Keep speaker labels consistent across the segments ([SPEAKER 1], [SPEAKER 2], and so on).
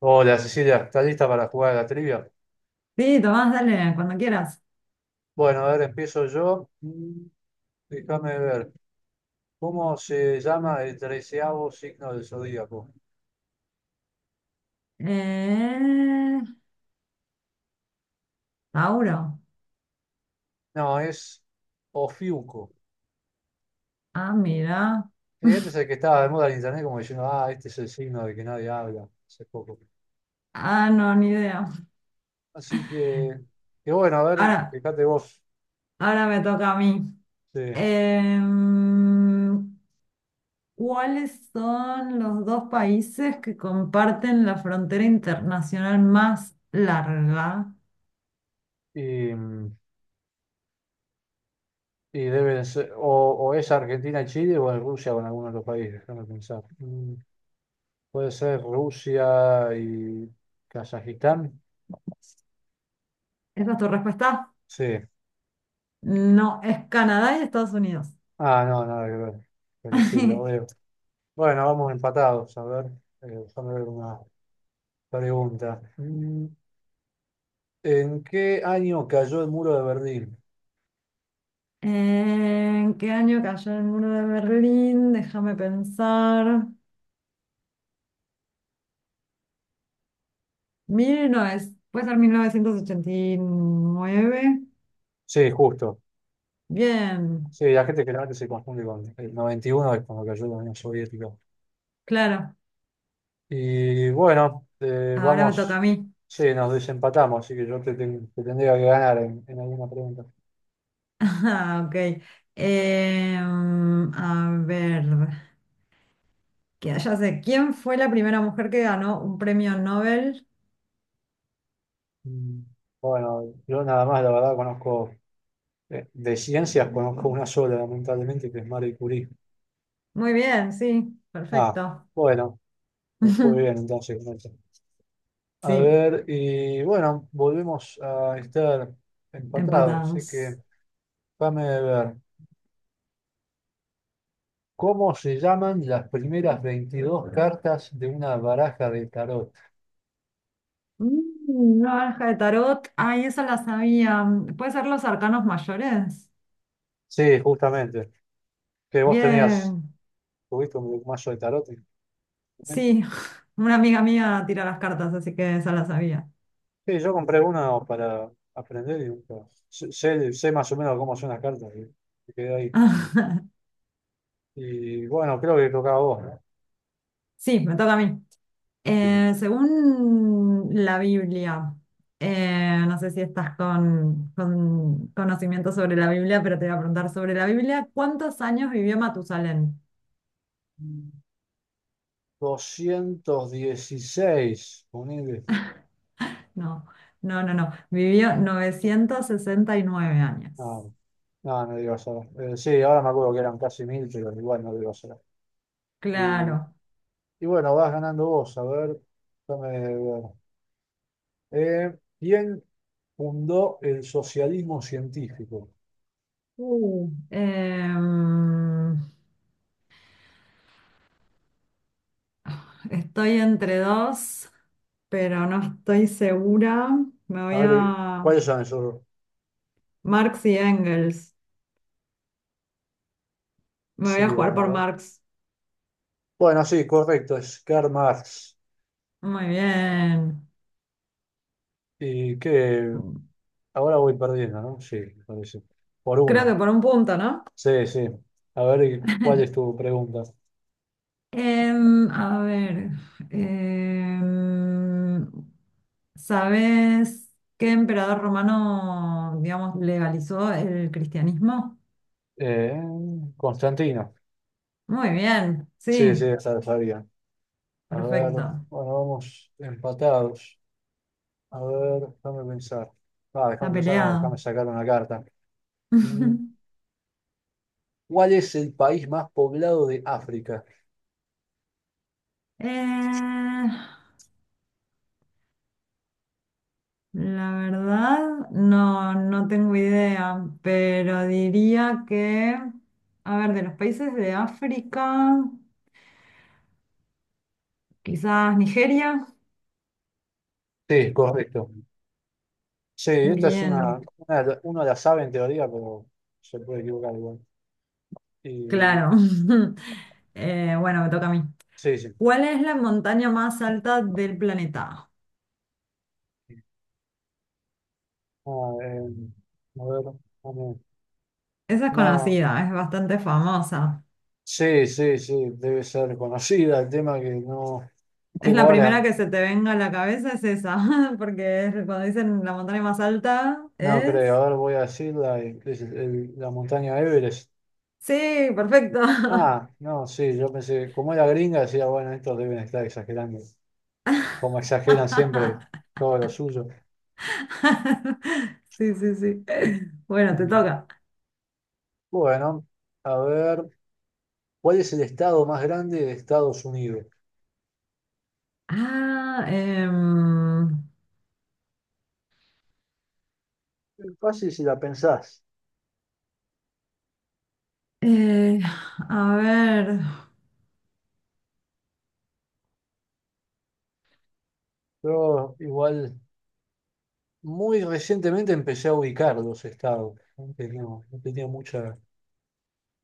[SPEAKER 1] Hola Cecilia, ¿estás lista para jugar a la trivia?
[SPEAKER 2] Sí, Tomás, dale, cuando quieras.
[SPEAKER 1] Bueno, a ver, empiezo yo. Déjame ver. ¿Cómo se llama el treceavo signo del zodíaco?
[SPEAKER 2] Eh, Tauro.
[SPEAKER 1] No, es Ofiuco.
[SPEAKER 2] Ah, mira.
[SPEAKER 1] Este es el que estaba de moda en internet, como diciendo, ah, este es el signo de que nadie habla hace poco.
[SPEAKER 2] Ah, no, ni idea.
[SPEAKER 1] Así que bueno, a ver,
[SPEAKER 2] Ahora,
[SPEAKER 1] fíjate vos.
[SPEAKER 2] ahora me toca a mí.
[SPEAKER 1] Sí.
[SPEAKER 2] Em, ¿Cuáles son los dos países que comparten la frontera internacional más larga?
[SPEAKER 1] Y, y deben ser, o es Argentina y Chile, o en Rusia, o en alguno de los países, déjame pensar. Mm. Puede ser Rusia y Kazajistán.
[SPEAKER 2] ¿Esa es tu respuesta?
[SPEAKER 1] Sí.
[SPEAKER 2] No, es Canadá y Estados Unidos.
[SPEAKER 1] Ah, no, nada que ver. Pero sí, lo veo. Bueno, vamos empatados. A ver, déjame ver una pregunta. ¿En qué año cayó el muro de Berlín?
[SPEAKER 2] ¿En qué año cayó el muro de Berlín? Déjame pensar. 19, puede ser 1989.
[SPEAKER 1] Sí, justo.
[SPEAKER 2] Bien,
[SPEAKER 1] Sí, la gente generalmente se confunde con el 91 es cuando cayó la Unión Soviética.
[SPEAKER 2] claro.
[SPEAKER 1] Y bueno,
[SPEAKER 2] Ahora me toca
[SPEAKER 1] vamos.
[SPEAKER 2] a mí.
[SPEAKER 1] Sí, nos desempatamos, así que yo te tendría que ganar en alguna pregunta.
[SPEAKER 2] Ah, ok. A ver, que ya sé, ¿quién fue la primera mujer que ganó un premio Nobel?
[SPEAKER 1] Mm, Bueno, yo nada más, la verdad, conozco de ciencias conozco una sola, lamentablemente, que es Marie Curie.
[SPEAKER 2] Muy bien, sí,
[SPEAKER 1] Ah,
[SPEAKER 2] perfecto.
[SPEAKER 1] bueno, me fue bien entonces con eso. A
[SPEAKER 2] Sí,
[SPEAKER 1] ver, y bueno, volvemos a estar empatados, así que
[SPEAKER 2] empatados.
[SPEAKER 1] déjame ver. ¿Cómo se llaman las primeras 22 cartas de una baraja de tarot?
[SPEAKER 2] Mm, Una baraja de tarot. Ay, esa la sabía. ¿Puede ser los arcanos mayores?
[SPEAKER 1] Sí, justamente. Que vos tenías,
[SPEAKER 2] Bien.
[SPEAKER 1] tuviste un mazo de tarot en tu momento.
[SPEAKER 2] Sí, una amiga mía tira las cartas, así que esa la sabía.
[SPEAKER 1] Sí, yo compré uno para aprender y nunca- sé más o menos cómo son las cartas, y me quedé ahí. Y bueno, creo que tocaba vos, ¿no?
[SPEAKER 2] Sí, me toca a mí.
[SPEAKER 1] Sí, sí.
[SPEAKER 2] Según la Biblia, no sé si estás con conocimiento sobre la Biblia, pero te voy a preguntar sobre la Biblia, ¿cuántos años vivió Matusalén?
[SPEAKER 1] Mm. 216, ponele.
[SPEAKER 2] No, no, no, no, vivió 969 años.
[SPEAKER 1] No, no, no digo ahora. Sí, ahora me acuerdo que eran casi mil, pero igual no digo ahora. Y,
[SPEAKER 2] Claro.
[SPEAKER 1] y bueno, vas ganando vos, a ver, déjame ver. ¿Quién fundó el socialismo científico?
[SPEAKER 2] Uh, Eh, Estoy entre dos, pero no estoy segura. Me
[SPEAKER 1] A
[SPEAKER 2] voy
[SPEAKER 1] ver,
[SPEAKER 2] a
[SPEAKER 1] ¿cuáles son esos?
[SPEAKER 2] Marx y Engels. Me voy a
[SPEAKER 1] Sí,
[SPEAKER 2] jugar
[SPEAKER 1] bueno,
[SPEAKER 2] por
[SPEAKER 1] a ver.
[SPEAKER 2] Marx.
[SPEAKER 1] Bueno, sí, correcto, es Karl Marx.
[SPEAKER 2] Muy bien.
[SPEAKER 1] Y que ahora voy perdiendo, ¿no? Sí, me parece. Por
[SPEAKER 2] Creo
[SPEAKER 1] una.
[SPEAKER 2] que por un punto, ¿no?
[SPEAKER 1] Sí, sí. A ver, ¿cuál es tu pregunta?
[SPEAKER 2] A ver, em, ¿sabes qué emperador romano, digamos, legalizó el cristianismo?
[SPEAKER 1] Eh, Constantino.
[SPEAKER 2] Muy bien,
[SPEAKER 1] Sí, sí,
[SPEAKER 2] sí,
[SPEAKER 1] esa la sabía. A ver, bueno,
[SPEAKER 2] perfecto.
[SPEAKER 1] vamos empatados. A ver, déjame pensar. Ah,
[SPEAKER 2] Está
[SPEAKER 1] déjame pensar, no, déjame
[SPEAKER 2] peleado.
[SPEAKER 1] sacar una carta. Mm, ¿Cuál es el país más poblado de África?
[SPEAKER 2] Eh, La verdad, no, no tengo idea, pero diría que, a ver, de los países de África, quizás Nigeria.
[SPEAKER 1] Sí, correcto. Sí, esta es
[SPEAKER 2] Bien,
[SPEAKER 1] uno la sabe en teoría, pero se puede equivocar igual. Y,
[SPEAKER 2] claro. Bueno, me toca a mí.
[SPEAKER 1] sí, sí.
[SPEAKER 2] ¿Cuál es la montaña más alta del planeta?
[SPEAKER 1] Ah, a ver, a ver.
[SPEAKER 2] Esa es
[SPEAKER 1] No.
[SPEAKER 2] conocida, es bastante famosa.
[SPEAKER 1] Sí, sí, sí, debe ser conocida. El tema que no
[SPEAKER 2] Es
[SPEAKER 1] tengo
[SPEAKER 2] la primera
[SPEAKER 1] ahora,
[SPEAKER 2] que se te venga a la cabeza, es esa, cuando dicen la montaña más alta
[SPEAKER 1] no creo.
[SPEAKER 2] es.
[SPEAKER 1] Ahora voy a decirla, y- ¿qué es el- la montaña Everest.
[SPEAKER 2] Sí, perfecto.
[SPEAKER 1] Ah, no, sí, yo pensé, como era gringa, decía, bueno, estos deben estar exagerando, como exageran siempre todo lo suyo.
[SPEAKER 2] Sí, sí, sí. Bueno, te
[SPEAKER 1] Y,
[SPEAKER 2] toca.
[SPEAKER 1] bueno, a ver, ¿cuál es el estado más grande de Estados Unidos?
[SPEAKER 2] Ah,
[SPEAKER 1] Es fácil si la pensás.
[SPEAKER 2] eh, a ver.
[SPEAKER 1] Yo igual muy recientemente empecé a ubicar los estados. Antes no tenía mucha.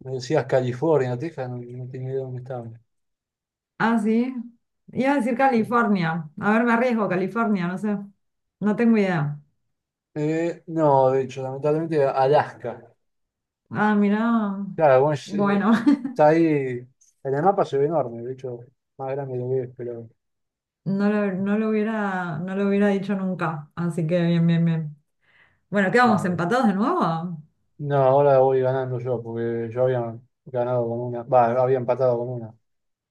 [SPEAKER 1] Me decías California, Texas, no tenía idea de dónde estaba.
[SPEAKER 2] Ah, sí. Iba a decir California. A ver, me arriesgo, California, no sé. No tengo idea.
[SPEAKER 1] No, de hecho, lamentablemente Alaska.
[SPEAKER 2] Ah, mira.
[SPEAKER 1] Claro, bueno, es,
[SPEAKER 2] Bueno,
[SPEAKER 1] está ahí. En el mapa se ve enorme, de hecho, más grande lo ves, pero.
[SPEAKER 2] no lo hubiera dicho nunca. Así que bien, bien, bien. Bueno, ¿qué
[SPEAKER 1] Ah,
[SPEAKER 2] vamos?
[SPEAKER 1] bueno.
[SPEAKER 2] ¿Empatados de nuevo?
[SPEAKER 1] No, ahora voy ganando yo, porque yo había ganado con una. Va, había empatado con una.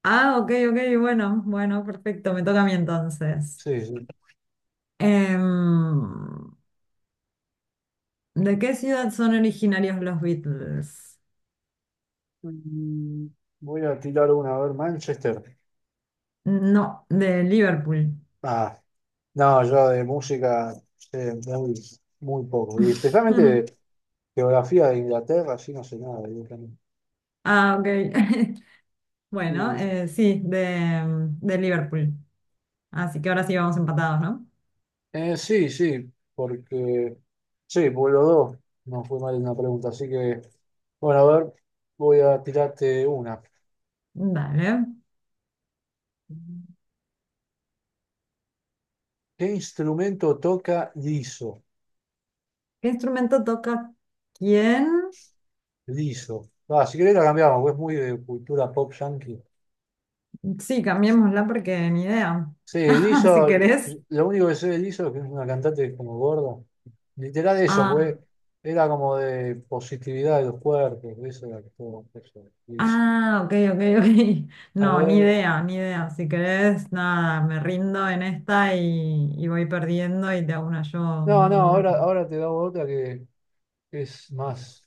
[SPEAKER 2] Ah, ok, ok, bueno, bueno, perfecto. Me toca a mí entonces.
[SPEAKER 1] Sí, sí.
[SPEAKER 2] Em, ¿De qué ciudad son originarios los Beatles?
[SPEAKER 1] Mm, voy a tirar una, a ver, Manchester.
[SPEAKER 2] No, de Liverpool.
[SPEAKER 1] Ah, no, yo de música sé muy, muy poco. Y especialmente de geografía de Inglaterra, sí no sé nada, directamente.
[SPEAKER 2] Ah, ok. Bueno,
[SPEAKER 1] Mm,
[SPEAKER 2] sí, de Liverpool. Así que ahora sí vamos empatados, ¿no?
[SPEAKER 1] sí, sí, porque sí, por los dos. No fue mal una pregunta, así que bueno, a ver, voy a tirarte una.
[SPEAKER 2] Dale.
[SPEAKER 1] ¿Qué instrumento toca Liso?
[SPEAKER 2] ¿Qué instrumento toca quién?
[SPEAKER 1] Liso. Ah, si querés la cambiamos, porque es muy de cultura pop yankee.
[SPEAKER 2] Sí, cambiémosla porque ni idea.
[SPEAKER 1] Sí,
[SPEAKER 2] Si
[SPEAKER 1] Liso,
[SPEAKER 2] querés.
[SPEAKER 1] lo único que sé de Liso es que es una cantante como gorda. Literal eso,
[SPEAKER 2] Ah,
[SPEAKER 1] pues era como de positividad de los cuerpos, eso era todo, eso, Liso.
[SPEAKER 2] ah, ok, ok, ok.
[SPEAKER 1] A
[SPEAKER 2] No, ni
[SPEAKER 1] ver,
[SPEAKER 2] idea, ni idea. Si querés, nada, me rindo en esta y voy perdiendo y te hago una yo.
[SPEAKER 1] no,
[SPEAKER 2] No,
[SPEAKER 1] no,
[SPEAKER 2] no.
[SPEAKER 1] ahora, ahora te damos otra que es más,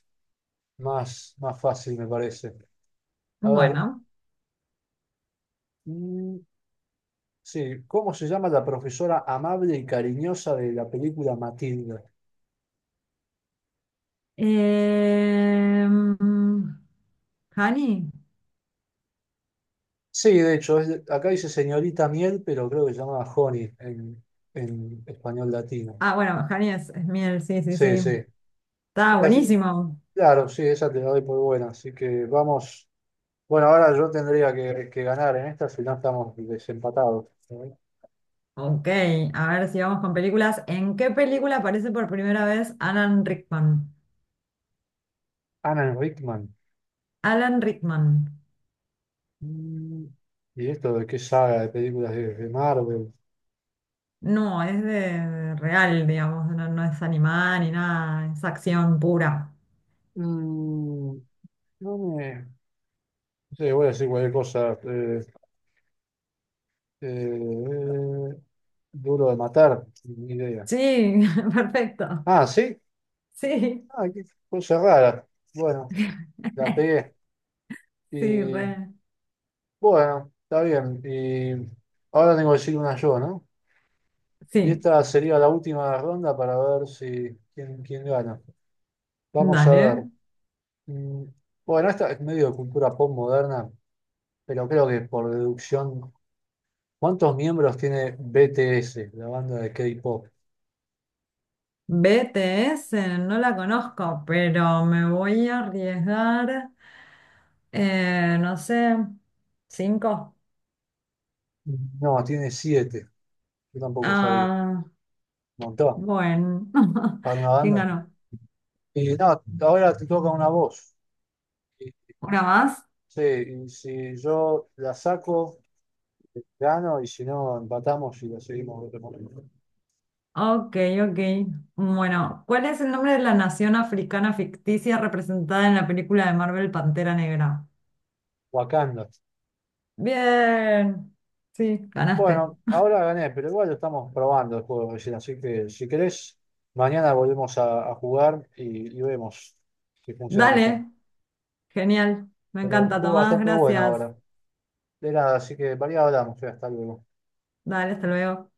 [SPEAKER 1] más fácil, me parece. A ver,
[SPEAKER 2] Bueno.
[SPEAKER 1] mm, sí, ¿cómo se llama la profesora amable y cariñosa de la película Matilda?
[SPEAKER 2] em, Hani.
[SPEAKER 1] Sí, de hecho, es- acá dice señorita Miel, pero creo que se llama Honey en español latino.
[SPEAKER 2] Ah, bueno, Hani es miel, sí, sí,
[SPEAKER 1] Sí,
[SPEAKER 2] sí.
[SPEAKER 1] sí.
[SPEAKER 2] Está
[SPEAKER 1] Así-
[SPEAKER 2] buenísimo.
[SPEAKER 1] claro, sí, esa te la doy por buena. Así que vamos. Bueno, ahora yo tendría que ganar en esta, si no estamos desempatados.
[SPEAKER 2] Ok, a ver si vamos con películas. ¿En qué película aparece por primera vez Alan Rickman?
[SPEAKER 1] Alan Rickman.
[SPEAKER 2] Alan Rickman.
[SPEAKER 1] Mm, ¿Y esto de qué saga de películas de Marvel?
[SPEAKER 2] No, es de real, digamos, no, no es animada ni nada, es acción pura.
[SPEAKER 1] Mm, no me... No sé, voy a decir cualquier cosa. Eh, eh, Duro de matar, ni idea.
[SPEAKER 2] Sí, perfecto.
[SPEAKER 1] Ah, ¿sí?
[SPEAKER 2] Sí,
[SPEAKER 1] Ah, qué cosa rara. Bueno, la pegué.
[SPEAKER 2] sí,
[SPEAKER 1] Y
[SPEAKER 2] re.
[SPEAKER 1] bueno, está bien. Y ahora tengo que decir una yo, ¿no? Y
[SPEAKER 2] Sí,
[SPEAKER 1] esta sería la última ronda para ver si quién, quién gana. Vamos a
[SPEAKER 2] dale.
[SPEAKER 1] ver. Mm, bueno, esta es medio de cultura pop moderna, pero creo que por deducción, ¿cuántos miembros tiene BTS, la banda de K-pop?
[SPEAKER 2] BTS, no la conozco, pero me voy a arriesgar, no sé, cinco.
[SPEAKER 1] No, tiene 7, yo tampoco sabía. Un
[SPEAKER 2] Ah,
[SPEAKER 1] montón,
[SPEAKER 2] bueno,
[SPEAKER 1] para una
[SPEAKER 2] ¿quién
[SPEAKER 1] banda.
[SPEAKER 2] ganó?
[SPEAKER 1] Y no, ahora te toca una voz. Y,
[SPEAKER 2] ¿Una más?
[SPEAKER 1] sí, y si yo la saco, gano, y si no, empatamos y la seguimos en otro momento.
[SPEAKER 2] Ok, ok. Bueno, ¿cuál es el nombre de la nación africana ficticia representada en la película de Marvel Pantera Negra?
[SPEAKER 1] Wakanda.
[SPEAKER 2] Bien, sí, ganaste.
[SPEAKER 1] Bueno, ahora gané, pero igual lo estamos probando el juego recién, así que si querés, mañana volvemos a jugar y vemos si funciona mejor.
[SPEAKER 2] Dale, genial. Me
[SPEAKER 1] Pero
[SPEAKER 2] encanta,
[SPEAKER 1] estuvo
[SPEAKER 2] Tomás,
[SPEAKER 1] bastante bueno
[SPEAKER 2] gracias.
[SPEAKER 1] ahora. De nada, así que variado hablamos, ya, hasta luego.
[SPEAKER 2] Dale, hasta luego.